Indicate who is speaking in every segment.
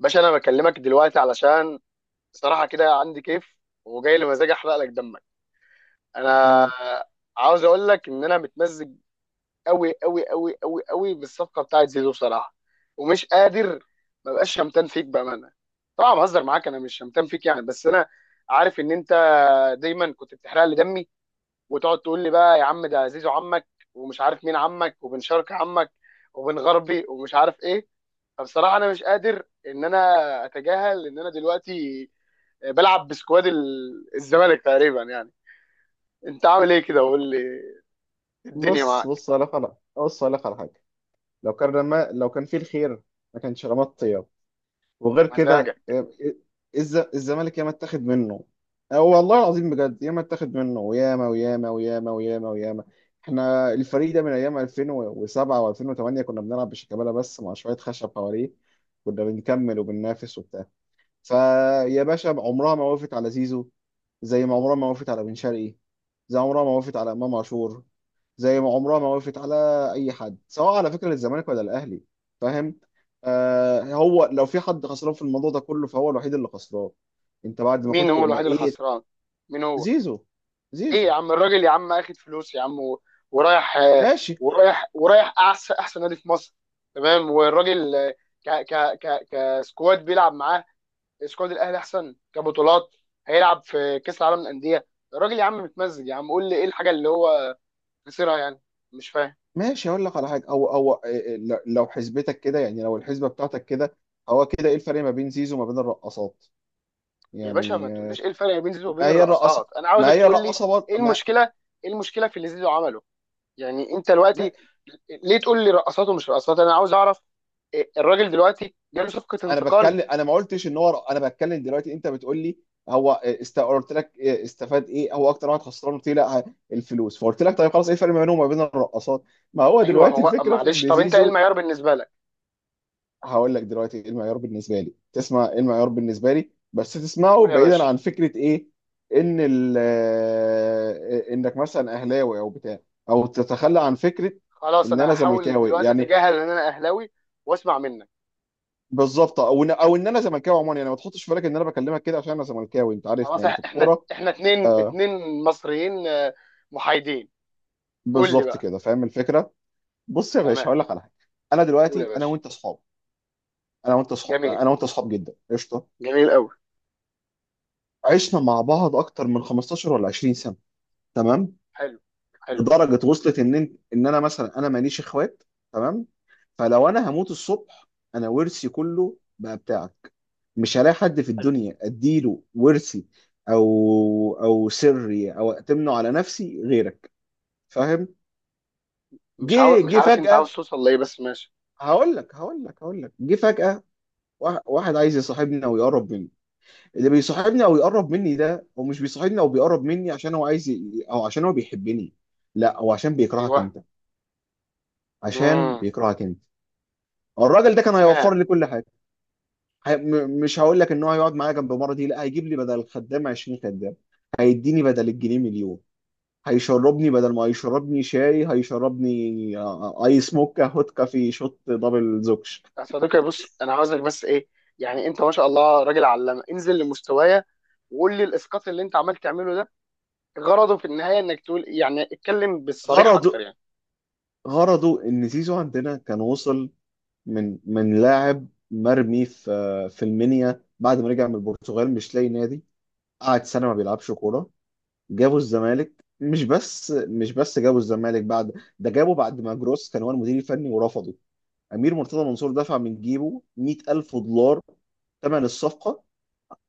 Speaker 1: باشا، انا بكلمك دلوقتي علشان صراحه كده عندي كيف وجاي لي مزاج احرق لك دمك. انا
Speaker 2: مم.
Speaker 1: عاوز اقول لك ان انا متمزج قوي قوي قوي قوي قوي بالصفقه بتاعت زيزو بصراحه، ومش قادر. ما بقاش شمتان فيك بامانه. طبعا بهزر معاك، انا مش شمتان فيك يعني، بس انا عارف ان انت دايما كنت بتحرق لي دمي وتقعد تقول لي بقى يا عم ده زيزو عمك ومش عارف مين عمك وبن شرقي عمك وبن غربي ومش عارف ايه. فبصراحه انا مش قادر ان انا اتجاهل ان انا دلوقتي بلعب بسكواد الزمالك تقريبا يعني. انت عامل ايه كده؟ وقول لي، الدنيا
Speaker 2: بص
Speaker 1: معاك.
Speaker 2: بص أقول لك على بص أقول لك على حاجة. لو كان فيه الخير ما كانش رمى الطياب.
Speaker 1: يا
Speaker 2: وغير كده
Speaker 1: مزاجك.
Speaker 2: إيه، إيه، الزمالك ياما اتاخد منه، أو والله العظيم بجد ياما اتاخد منه وياما وياما وياما وياما وياما. احنا الفريق ده من أيام 2007 و2008 كنا بنلعب بشيكابالا بس مع شوية خشب حواليه، كنا بنكمل وبننافس وبتاع. فيا باشا عمرها ما وقفت على زيزو، زي ما عمرها ما وقفت على بن شرقي، زي عمرها ما وقفت على امام عاشور، زي ما عمرها ما وقفت على اي حد، سواء على فكره للزمالك ولا الاهلي، فاهم؟ آه، هو لو في حد خسران في الموضوع ده كله فهو الوحيد اللي خسران. انت بعد ما
Speaker 1: مين
Speaker 2: كنت
Speaker 1: هو الوحيد اللي
Speaker 2: بقيت.
Speaker 1: خسران؟ مين هو؟
Speaker 2: زيزو.
Speaker 1: ليه يا
Speaker 2: زيزو.
Speaker 1: عم، الراجل يا عم اخد فلوس يا عم ورايح.
Speaker 2: ماشي.
Speaker 1: ورايح احسن نادي في مصر. تمام. والراجل، ك ك ك كسكواد بيلعب معاه سكواد الاهلي احسن، كبطولات هيلعب في كاس العالم للانديه. الراجل يا عم متمزج يا عم. قول لي ايه الحاجه اللي هو خسرها يعني؟ مش فاهم.
Speaker 2: ماشي، اقول لك على حاجه. او او آه، آه، لو حسبتك كده، يعني لو الحسبه بتاعتك كده، هو كده ايه الفرق ما بين زيزو وما بين الرقصات
Speaker 1: يا باشا، ما
Speaker 2: يعني؟
Speaker 1: تقوليش ايه الفرق بين زيزو وبين
Speaker 2: ما هي
Speaker 1: الرقصات،
Speaker 2: الرقاصه،
Speaker 1: انا
Speaker 2: ما
Speaker 1: عاوزك
Speaker 2: هي
Speaker 1: تقول لي
Speaker 2: الرقاصه برضه
Speaker 1: ايه
Speaker 2: ما...
Speaker 1: المشكله، ايه المشكله في اللي زيزو عمله يعني. انت
Speaker 2: ما...
Speaker 1: دلوقتي ليه تقول لي رقصات ومش رقصات؟ انا عاوز اعرف إيه. الراجل دلوقتي جاله صفقه
Speaker 2: انا
Speaker 1: انتقال.
Speaker 2: بتكلم، انا ما قلتش ان هو انا بتكلم دلوقتي. انت بتقول لي قلت لك استفاد ايه، هو اكتر واحد خسران، قلت لي لا الفلوس، فقلت لك طيب خلاص ايه الفرق ما بينهم وما بين الرقاصات؟ ما هو
Speaker 1: ايوه
Speaker 2: دلوقتي
Speaker 1: هو،
Speaker 2: الفكره في
Speaker 1: معلش.
Speaker 2: ان
Speaker 1: طب انت ايه
Speaker 2: زيزو.
Speaker 1: المعيار بالنسبه لك؟
Speaker 2: هقول لك دلوقتي ايه المعيار بالنسبه لي، تسمع ايه المعيار بالنسبه لي بس تسمعه
Speaker 1: قول يا
Speaker 2: بعيدا
Speaker 1: باشا.
Speaker 2: عن فكره ايه. ان ال... انك مثلا اهلاوي او بتاع، او تتخلى عن فكره
Speaker 1: خلاص،
Speaker 2: ان
Speaker 1: انا
Speaker 2: انا
Speaker 1: هحاول
Speaker 2: زملكاوي
Speaker 1: دلوقتي
Speaker 2: يعني.
Speaker 1: اتجاهل ان انا اهلاوي واسمع منك.
Speaker 2: بالظبط، او ان او ان انا زملكاوي عموما يعني. ما تحطش في بالك ان انا بكلمك كده عشان انا زملكاوي، انت عارفني
Speaker 1: خلاص،
Speaker 2: يعني في
Speaker 1: احنا
Speaker 2: الكوره.
Speaker 1: احنا اتنين
Speaker 2: آه.
Speaker 1: اتنين مصريين، محايدين. قول لي
Speaker 2: بالظبط
Speaker 1: بقى.
Speaker 2: كده، فاهم الفكره. بص يا باشا،
Speaker 1: تمام.
Speaker 2: هقول لك على حاجه. انا
Speaker 1: قول يا
Speaker 2: دلوقتي،
Speaker 1: باشا. جميل،
Speaker 2: انا وانت اصحاب جدا، قشطه.
Speaker 1: جميل قوي.
Speaker 2: عشنا مع بعض اكتر من 15 ولا 20 سنه، تمام.
Speaker 1: حلو، حلو،
Speaker 2: لدرجه وصلت ان انا مثلا انا ماليش اخوات، تمام. فلو انا هموت الصبح انا ورثي كله بقى بتاعك، مش هلاقي حد في
Speaker 1: حلو.
Speaker 2: الدنيا اديله ورثي، او او سري، او اتمنه على نفسي غيرك، فاهم؟ جه
Speaker 1: مش
Speaker 2: جه
Speaker 1: عارف انت عاوز
Speaker 2: فجأة،
Speaker 1: توصل لايه، بس ماشي.
Speaker 2: هقول لك جه فجأة واحد، واحد عايز يصاحبني او يقرب مني. اللي بيصاحبني او يقرب مني ده، هو مش بيصاحبني او بيقرب مني عشان هو عايز ي... او عشان هو بيحبني، لا، هو عشان بيكرهك
Speaker 1: ايوه.
Speaker 2: انت. عشان
Speaker 1: امم.
Speaker 2: بيكرهك انت. الراجل ده كان
Speaker 1: تمام.
Speaker 2: هيوفر لي كل حاجه. هي... م... مش هقول لك ان هو هيقعد معايا جنب مرضي، لا، هيجيب لي بدل الخدام 20 خدام، هيديني بدل الجنيه مليون، هيشربني بدل ما هيشربني شاي هيشربني ايس موكا هوت كافي شوت دبل زوكش.
Speaker 1: يا صديقي، بص، انا عاوزك بس ايه، يعني انت ما شاء الله راجل علامه، انزل لمستوايا وقول لي الاسقاط اللي انت عمال تعمله ده غرضه في النهايه انك تقول، يعني اتكلم بالصريح
Speaker 2: غرضه،
Speaker 1: اكتر يعني.
Speaker 2: غرضه ان زيزو عندنا كان وصل من لاعب مرمي في المنيا بعد ما رجع من البرتغال مش لاقي نادي، قعد سنه ما بيلعبش كوره، جابوا الزمالك. مش بس جابوا الزمالك بعد، ده جابوا بعد ما جروس كان هو المدير الفني ورفضه. امير مرتضى منصور دفع من جيبه 100,000 دولار ثمن الصفقه،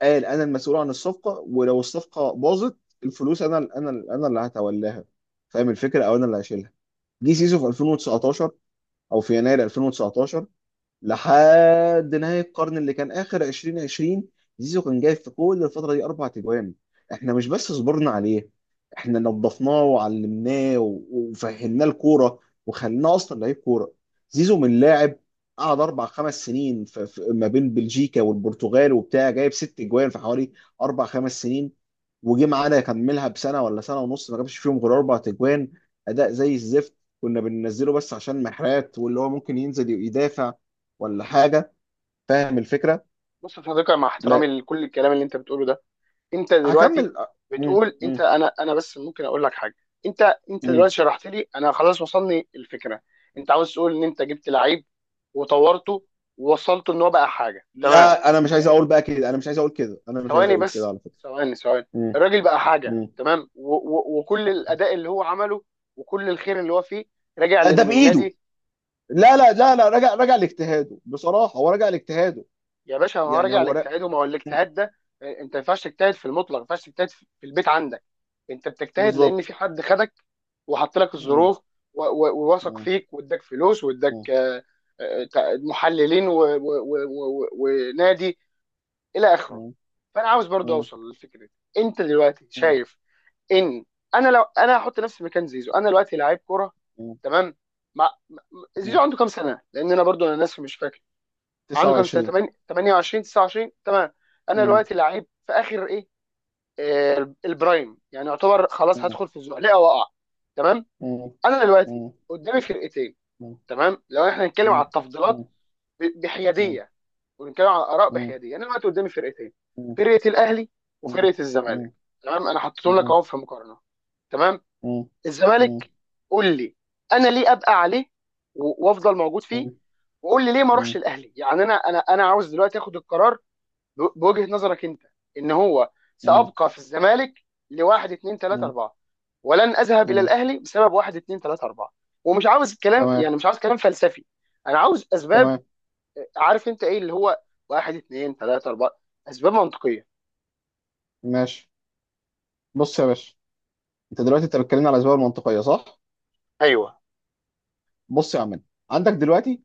Speaker 2: قال انا المسؤول عن الصفقه ولو الصفقه باظت الفلوس انا اللي هتولاها، فاهم الفكره؟ او انا اللي هشيلها. جه سيسو في 2019، او في يناير 2019 لحد نهاية القرن اللي كان آخر 2020، زيزو كان جايب في كل الفترة دي أربع تجوان. إحنا مش بس صبرنا عليه، إحنا نظفناه وعلمناه وفهمناه الكورة، وخليناه أصلا لعيب كورة. زيزو من لاعب قعد أربع خمس سنين ما بين بلجيكا والبرتغال وبتاع، جايب ست جوان في حوالي أربع خمس سنين، وجي معانا يكملها بسنه ولا سنه ونص ما جابش فيهم غير اربع تجوان. اداء زي الزفت، كنا بننزله بس عشان محرات، واللي هو ممكن ينزل يدافع ولا حاجه، فاهم الفكره؟
Speaker 1: بص يا صديقي، مع احترامي
Speaker 2: لا،
Speaker 1: لكل الكلام اللي انت بتقوله ده، انت دلوقتي
Speaker 2: هكمل. مم.
Speaker 1: بتقول
Speaker 2: مم.
Speaker 1: انت انا. بس ممكن اقول لك حاجه؟ انت
Speaker 2: مم.
Speaker 1: دلوقتي شرحت لي انا خلاص، وصلني الفكره. انت عاوز تقول ان انت جبت لعيب وطورته ووصلته ان هو بقى حاجه تمام.
Speaker 2: لا، انا مش عايز اقول بقى كده، انا مش عايز اقول كده، انا مش عايز
Speaker 1: ثواني
Speaker 2: اقول كده
Speaker 1: بس،
Speaker 2: على فكره.
Speaker 1: ثواني ثواني.
Speaker 2: مم.
Speaker 1: الراجل بقى حاجه
Speaker 2: مم.
Speaker 1: تمام، و و وكل الاداء اللي هو عمله وكل الخير اللي هو فيه راجع
Speaker 2: لا، ده
Speaker 1: لان
Speaker 2: بايده.
Speaker 1: النادي.
Speaker 2: لا لا لا لا، رجع، رجع لاجتهاده، بصراحه هو رجع لاجتهاده،
Speaker 1: يا باشا، ما هو
Speaker 2: يعني
Speaker 1: راجع
Speaker 2: هو رجع.
Speaker 1: لاجتهاده. ما هو الاجتهاد ده، انت ما ينفعش تجتهد في المطلق، ما ينفعش تجتهد في البيت عندك. انت بتجتهد لان
Speaker 2: بالظبط.
Speaker 1: في حد خدك وحط لك
Speaker 2: مم.
Speaker 1: الظروف ووثق
Speaker 2: مم.
Speaker 1: فيك واداك فلوس،
Speaker 2: مم.
Speaker 1: واداك محللين ونادي الى اخره.
Speaker 2: مم.
Speaker 1: فانا عاوز برضو اوصل للفكره دي. انت دلوقتي
Speaker 2: مم.
Speaker 1: شايف ان انا، لو انا هحط نفسي مكان زيزو، انا دلوقتي لعيب كوره، تمام. مع... م-
Speaker 2: مم.
Speaker 1: زيزو عنده كام سنه؟ لان انا برضو انا ناسي مش فاكر. عنده كام سنه،
Speaker 2: 29.
Speaker 1: 8، 28، 29؟ تمام. انا
Speaker 2: مم.
Speaker 1: دلوقتي لعيب في اخر ايه، البرايم يعني، يعتبر خلاص
Speaker 2: مم.
Speaker 1: هدخل في الزحليقه واقع. تمام.
Speaker 2: مم.
Speaker 1: انا دلوقتي
Speaker 2: مم.
Speaker 1: قدامي فرقتين،
Speaker 2: مم.
Speaker 1: تمام. لو احنا هنتكلم على التفضيلات
Speaker 2: مم. مم.
Speaker 1: بحياديه ونتكلم على الاراء
Speaker 2: مم.
Speaker 1: بحياديه، انا دلوقتي قدامي فرقتين،
Speaker 2: مم.
Speaker 1: فرقه الاهلي
Speaker 2: مم.
Speaker 1: وفرقه
Speaker 2: مم.
Speaker 1: الزمالك. تمام، انا
Speaker 2: مم.
Speaker 1: حطيتهم لك
Speaker 2: مم.
Speaker 1: اهو في مقارنه. تمام.
Speaker 2: مم. مم.
Speaker 1: الزمالك، قول لي انا ليه ابقى عليه وافضل موجود فيه، وقول لي ليه ما اروحش
Speaker 2: مم.
Speaker 1: الاهلي؟ يعني انا انا عاوز دلوقتي اخد القرار بوجهة نظرك انت ان هو
Speaker 2: مم.
Speaker 1: سابقى في الزمالك لواحد اتنين تلاته
Speaker 2: مم.
Speaker 1: اربعه، ولن اذهب الى
Speaker 2: مم.
Speaker 1: الاهلي بسبب واحد اتنين تلاته اربعه. ومش عاوز كلام
Speaker 2: تمام.
Speaker 1: يعني، مش عاوز كلام فلسفي. انا عاوز اسباب.
Speaker 2: تمام.
Speaker 1: عارف انت ايه اللي هو واحد اتنين تلاته اربعه، اسباب منطقيه.
Speaker 2: ماشي. بص يا باشا، انت دلوقتي انت بتكلمني على الاسباب المنطقيه، صح؟
Speaker 1: ايوه.
Speaker 2: بص يا عم، عندك دلوقتي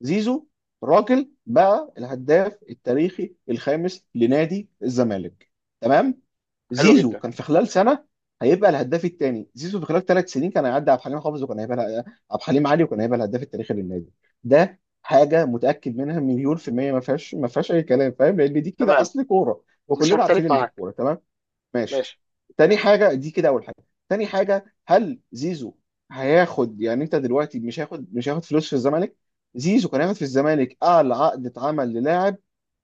Speaker 2: زيزو، راجل بقى الهداف التاريخي الخامس لنادي الزمالك، تمام.
Speaker 1: حلو
Speaker 2: زيزو
Speaker 1: جدا.
Speaker 2: كان في خلال سنه هيبقى الهداف الثاني. زيزو في خلال ثلاث سنين كان هيعدي عبد الحليم حافظ، وكان هيبقى عبد الحليم علي، وكان هيبقى الهداف التاريخي للنادي. ده حاجه متاكد منها مليون في الميه، ما فيهاش اي كلام، فاهم؟ لان دي كده
Speaker 1: تمام،
Speaker 2: اصل كوره،
Speaker 1: مش
Speaker 2: وكلنا عارفين
Speaker 1: هختلف
Speaker 2: اللي في
Speaker 1: معاك.
Speaker 2: الكوره، تمام؟ ماشي.
Speaker 1: ماشي.
Speaker 2: تاني حاجة، دي كده أول حاجة. تاني حاجة، هل زيزو هياخد يعني، أنت دلوقتي مش هياخد فلوس في الزمالك؟ زيزو كان هياخد في الزمالك أعلى عقد اتعمل للاعب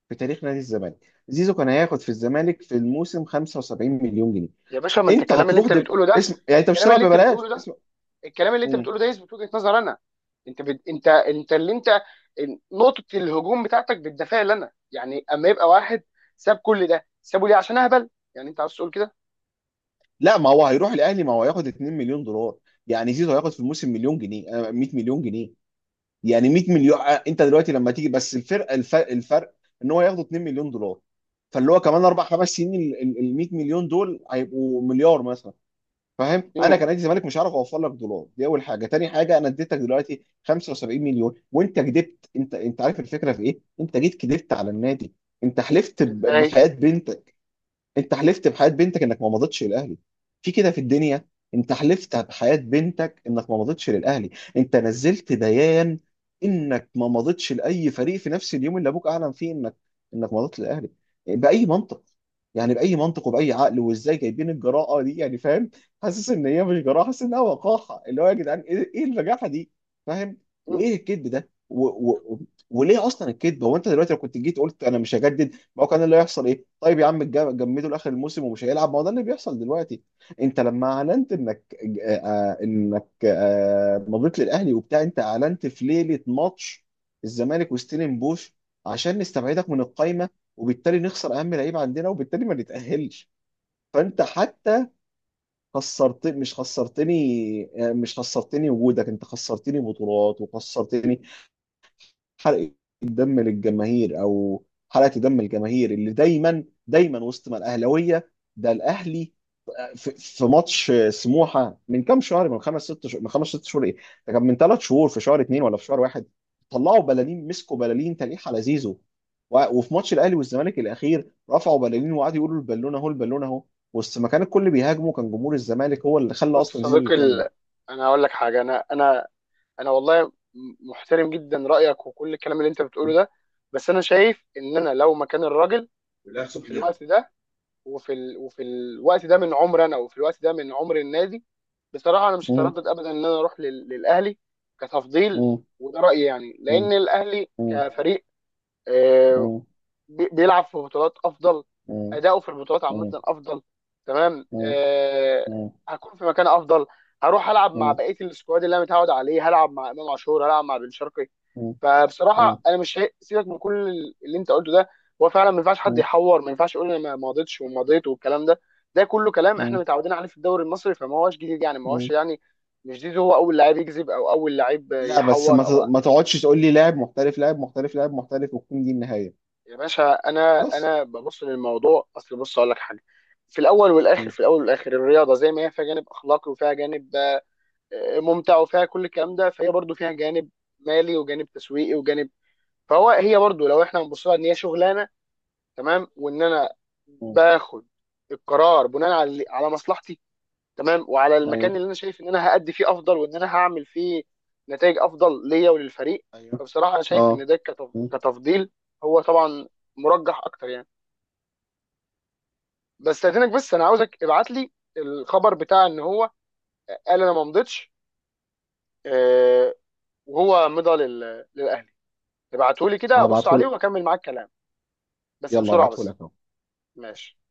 Speaker 2: في تاريخ نادي الزمالك. زيزو كان هياخد في الزمالك في الموسم 75 مليون جنيه،
Speaker 1: يا باشا، ما انت
Speaker 2: أنت هتروح اسم يعني، أنت مش
Speaker 1: الكلام
Speaker 2: هتلعب
Speaker 1: اللي انت
Speaker 2: ببلاش
Speaker 1: بتقوله ده
Speaker 2: اسم.
Speaker 1: الكلام اللي انت
Speaker 2: مم.
Speaker 1: بتقوله ده يثبت وجهة نظر انا. انت اللي انت نقطة الهجوم بتاعتك بتدافع لنا يعني. اما يبقى واحد ساب كل ده، سابه ليه؟ عشان اهبل يعني؟ انت عاوز تقول كده؟
Speaker 2: لا، ما هو هيروح الأهلي ما هو هياخد 2 مليون دولار، يعني زيزو هياخد في الموسم مليون جنيه، 100 مليون جنيه، يعني 100 مليون. انت دلوقتي لما تيجي بس الفرق، الفرق ان هو ياخدوا 2 مليون دولار، فاللي هو كمان اربع خمس سنين ال 100 مليون دول هيبقوا مليار مثلا، فاهم؟ انا
Speaker 1: امم.
Speaker 2: كنادي زمالك مش هعرف اوفر لك دولار، دي اول حاجه. تاني حاجه، انا اديتك دلوقتي 75 مليون وانت كدبت، انت عارف الفكره في ايه؟ انت جيت كدبت على النادي، انت حلفت
Speaker 1: ازاي؟
Speaker 2: بحياه بنت، انت حلفت بحياة بنتك انك ما مضيتش للاهلي، في كده في الدنيا؟ انت حلفت بحياة بنتك انك ما مضيتش للاهلي، انت نزلت بيان انك ما مضيتش لاي فريق في نفس اليوم اللي ابوك اعلن فيه انك مضيت للاهلي، باي منطق؟ يعني باي منطق وباي عقل، وازاي جايبين الجراءه دي يعني، فاهم؟ حاسس ان هي مش جراءه، حاسس انها وقاحه، اللي هو يا جدعان ايه، ايه البجاحه دي، فاهم؟
Speaker 1: امم.
Speaker 2: وايه الكذب ده وليه اصلا الكذب؟ هو انت دلوقتي لو كنت جيت قلت انا مش هجدد، ما هو كان اللي هيحصل ايه؟ طيب يا عم جمدوا لاخر الموسم ومش هيلعب، ما هو ده اللي بيحصل دلوقتي. انت لما اعلنت انك انك مضيت للاهلي وبتاع، انت اعلنت في ليله ماتش الزمالك وستيلن بوش، عشان نستبعدك من القايمه وبالتالي نخسر اهم لعيب عندنا وبالتالي ما نتاهلش. فانت حتى خسرت، مش خسرتني. مش خسرتني وجودك، انت خسرتني بطولات وخسرتني حرقة دم للجماهير، او حرقة دم الجماهير اللي دايما دايما وسط ما الاهلاويه، ده الاهلي في ماتش سموحه من كام شهر، من خمس ست شهور، ايه، ده كان من ثلاث شهور في شهر اثنين ولا في شهر واحد، طلعوا بلالين، مسكوا بلالين تليح على زيزو، وفي ماتش الاهلي والزمالك الاخير رفعوا بلالين وقعدوا يقولوا البالونه اهو، البالونه اهو، وسط ما كان الكل بيهاجمه كان جمهور الزمالك هو اللي خلى
Speaker 1: بص يا
Speaker 2: اصلا زيزو
Speaker 1: صديقي،
Speaker 2: يكمل.
Speaker 1: انا هقول لك حاجة. انا والله محترم جدا رأيك وكل الكلام اللي انت بتقوله ده. بس انا شايف ان انا لو مكان الراجل،
Speaker 2: والاخ
Speaker 1: وفي
Speaker 2: صبحي ده.
Speaker 1: الوقت ده وفي الوقت ده من عمر انا، وفي الوقت ده من عمر النادي، بصراحه انا مش
Speaker 2: مم.
Speaker 1: هتردد ابدا ان انا اروح للاهلي كتفضيل.
Speaker 2: مم.
Speaker 1: وده رايي يعني،
Speaker 2: مم.
Speaker 1: لان الاهلي كفريق، آه،
Speaker 2: مم.
Speaker 1: بيلعب في بطولات افضل،
Speaker 2: مم.
Speaker 1: اداؤه في البطولات عامه افضل، تمام. هكون في مكان افضل، هروح العب مع بقيه السكواد اللي انا متعود عليه، هلعب مع امام عاشور، هلعب مع بن شرقي. فبصراحه انا مش سيبك من كل اللي انت قلته ده، هو فعلا ما ينفعش حد يحور، ما ينفعش يقول انا ما ماضيتش وماضيت والكلام ده. ده كله كلام احنا متعودين عليه في الدوري المصري، فما هوش جديد يعني، ما هوش يعني مش جديد هو اول لعيب يكذب، او اول لعيب
Speaker 2: لا بس
Speaker 1: يحور او...
Speaker 2: ما تقعدش تقول لي لاعب محترف لاعب محترف لاعب محترف وتكون دي النهاية.
Speaker 1: يا باشا، انا
Speaker 2: بس
Speaker 1: انا ببص للموضوع. اصل بص اقول لك حاجه، في الاول والاخر،
Speaker 2: م-
Speaker 1: الرياضه زي ما هي فيها جانب اخلاقي وفيها جانب ممتع وفيها كل الكلام ده، فهي برضو فيها جانب مالي، وجانب تسويقي، وجانب... هي برضو لو احنا بنبص لها ان هي شغلانه، تمام، وان انا
Speaker 2: م.
Speaker 1: باخد القرار بناء على مصلحتي، تمام، وعلى المكان
Speaker 2: ايوه.
Speaker 1: اللي انا شايف ان انا هأدي فيه افضل وان انا هعمل فيه نتائج افضل ليا وللفريق.
Speaker 2: ايوه.
Speaker 1: فبصراحه انا شايف ان
Speaker 2: اه.
Speaker 1: ده كتفضيل، هو طبعا مرجح اكتر يعني. بس استاذنك، بس انا عاوزك ابعت لي الخبر بتاع ان هو قال انا ما مضيتش، آه، وهو مضى للاهلي. ابعته لي كده ابص عليه
Speaker 2: هبعتهولك.
Speaker 1: واكمل معاك كلام، بس
Speaker 2: يلا
Speaker 1: بسرعه بس.
Speaker 2: هبعتهولك اهو.
Speaker 1: ماشي.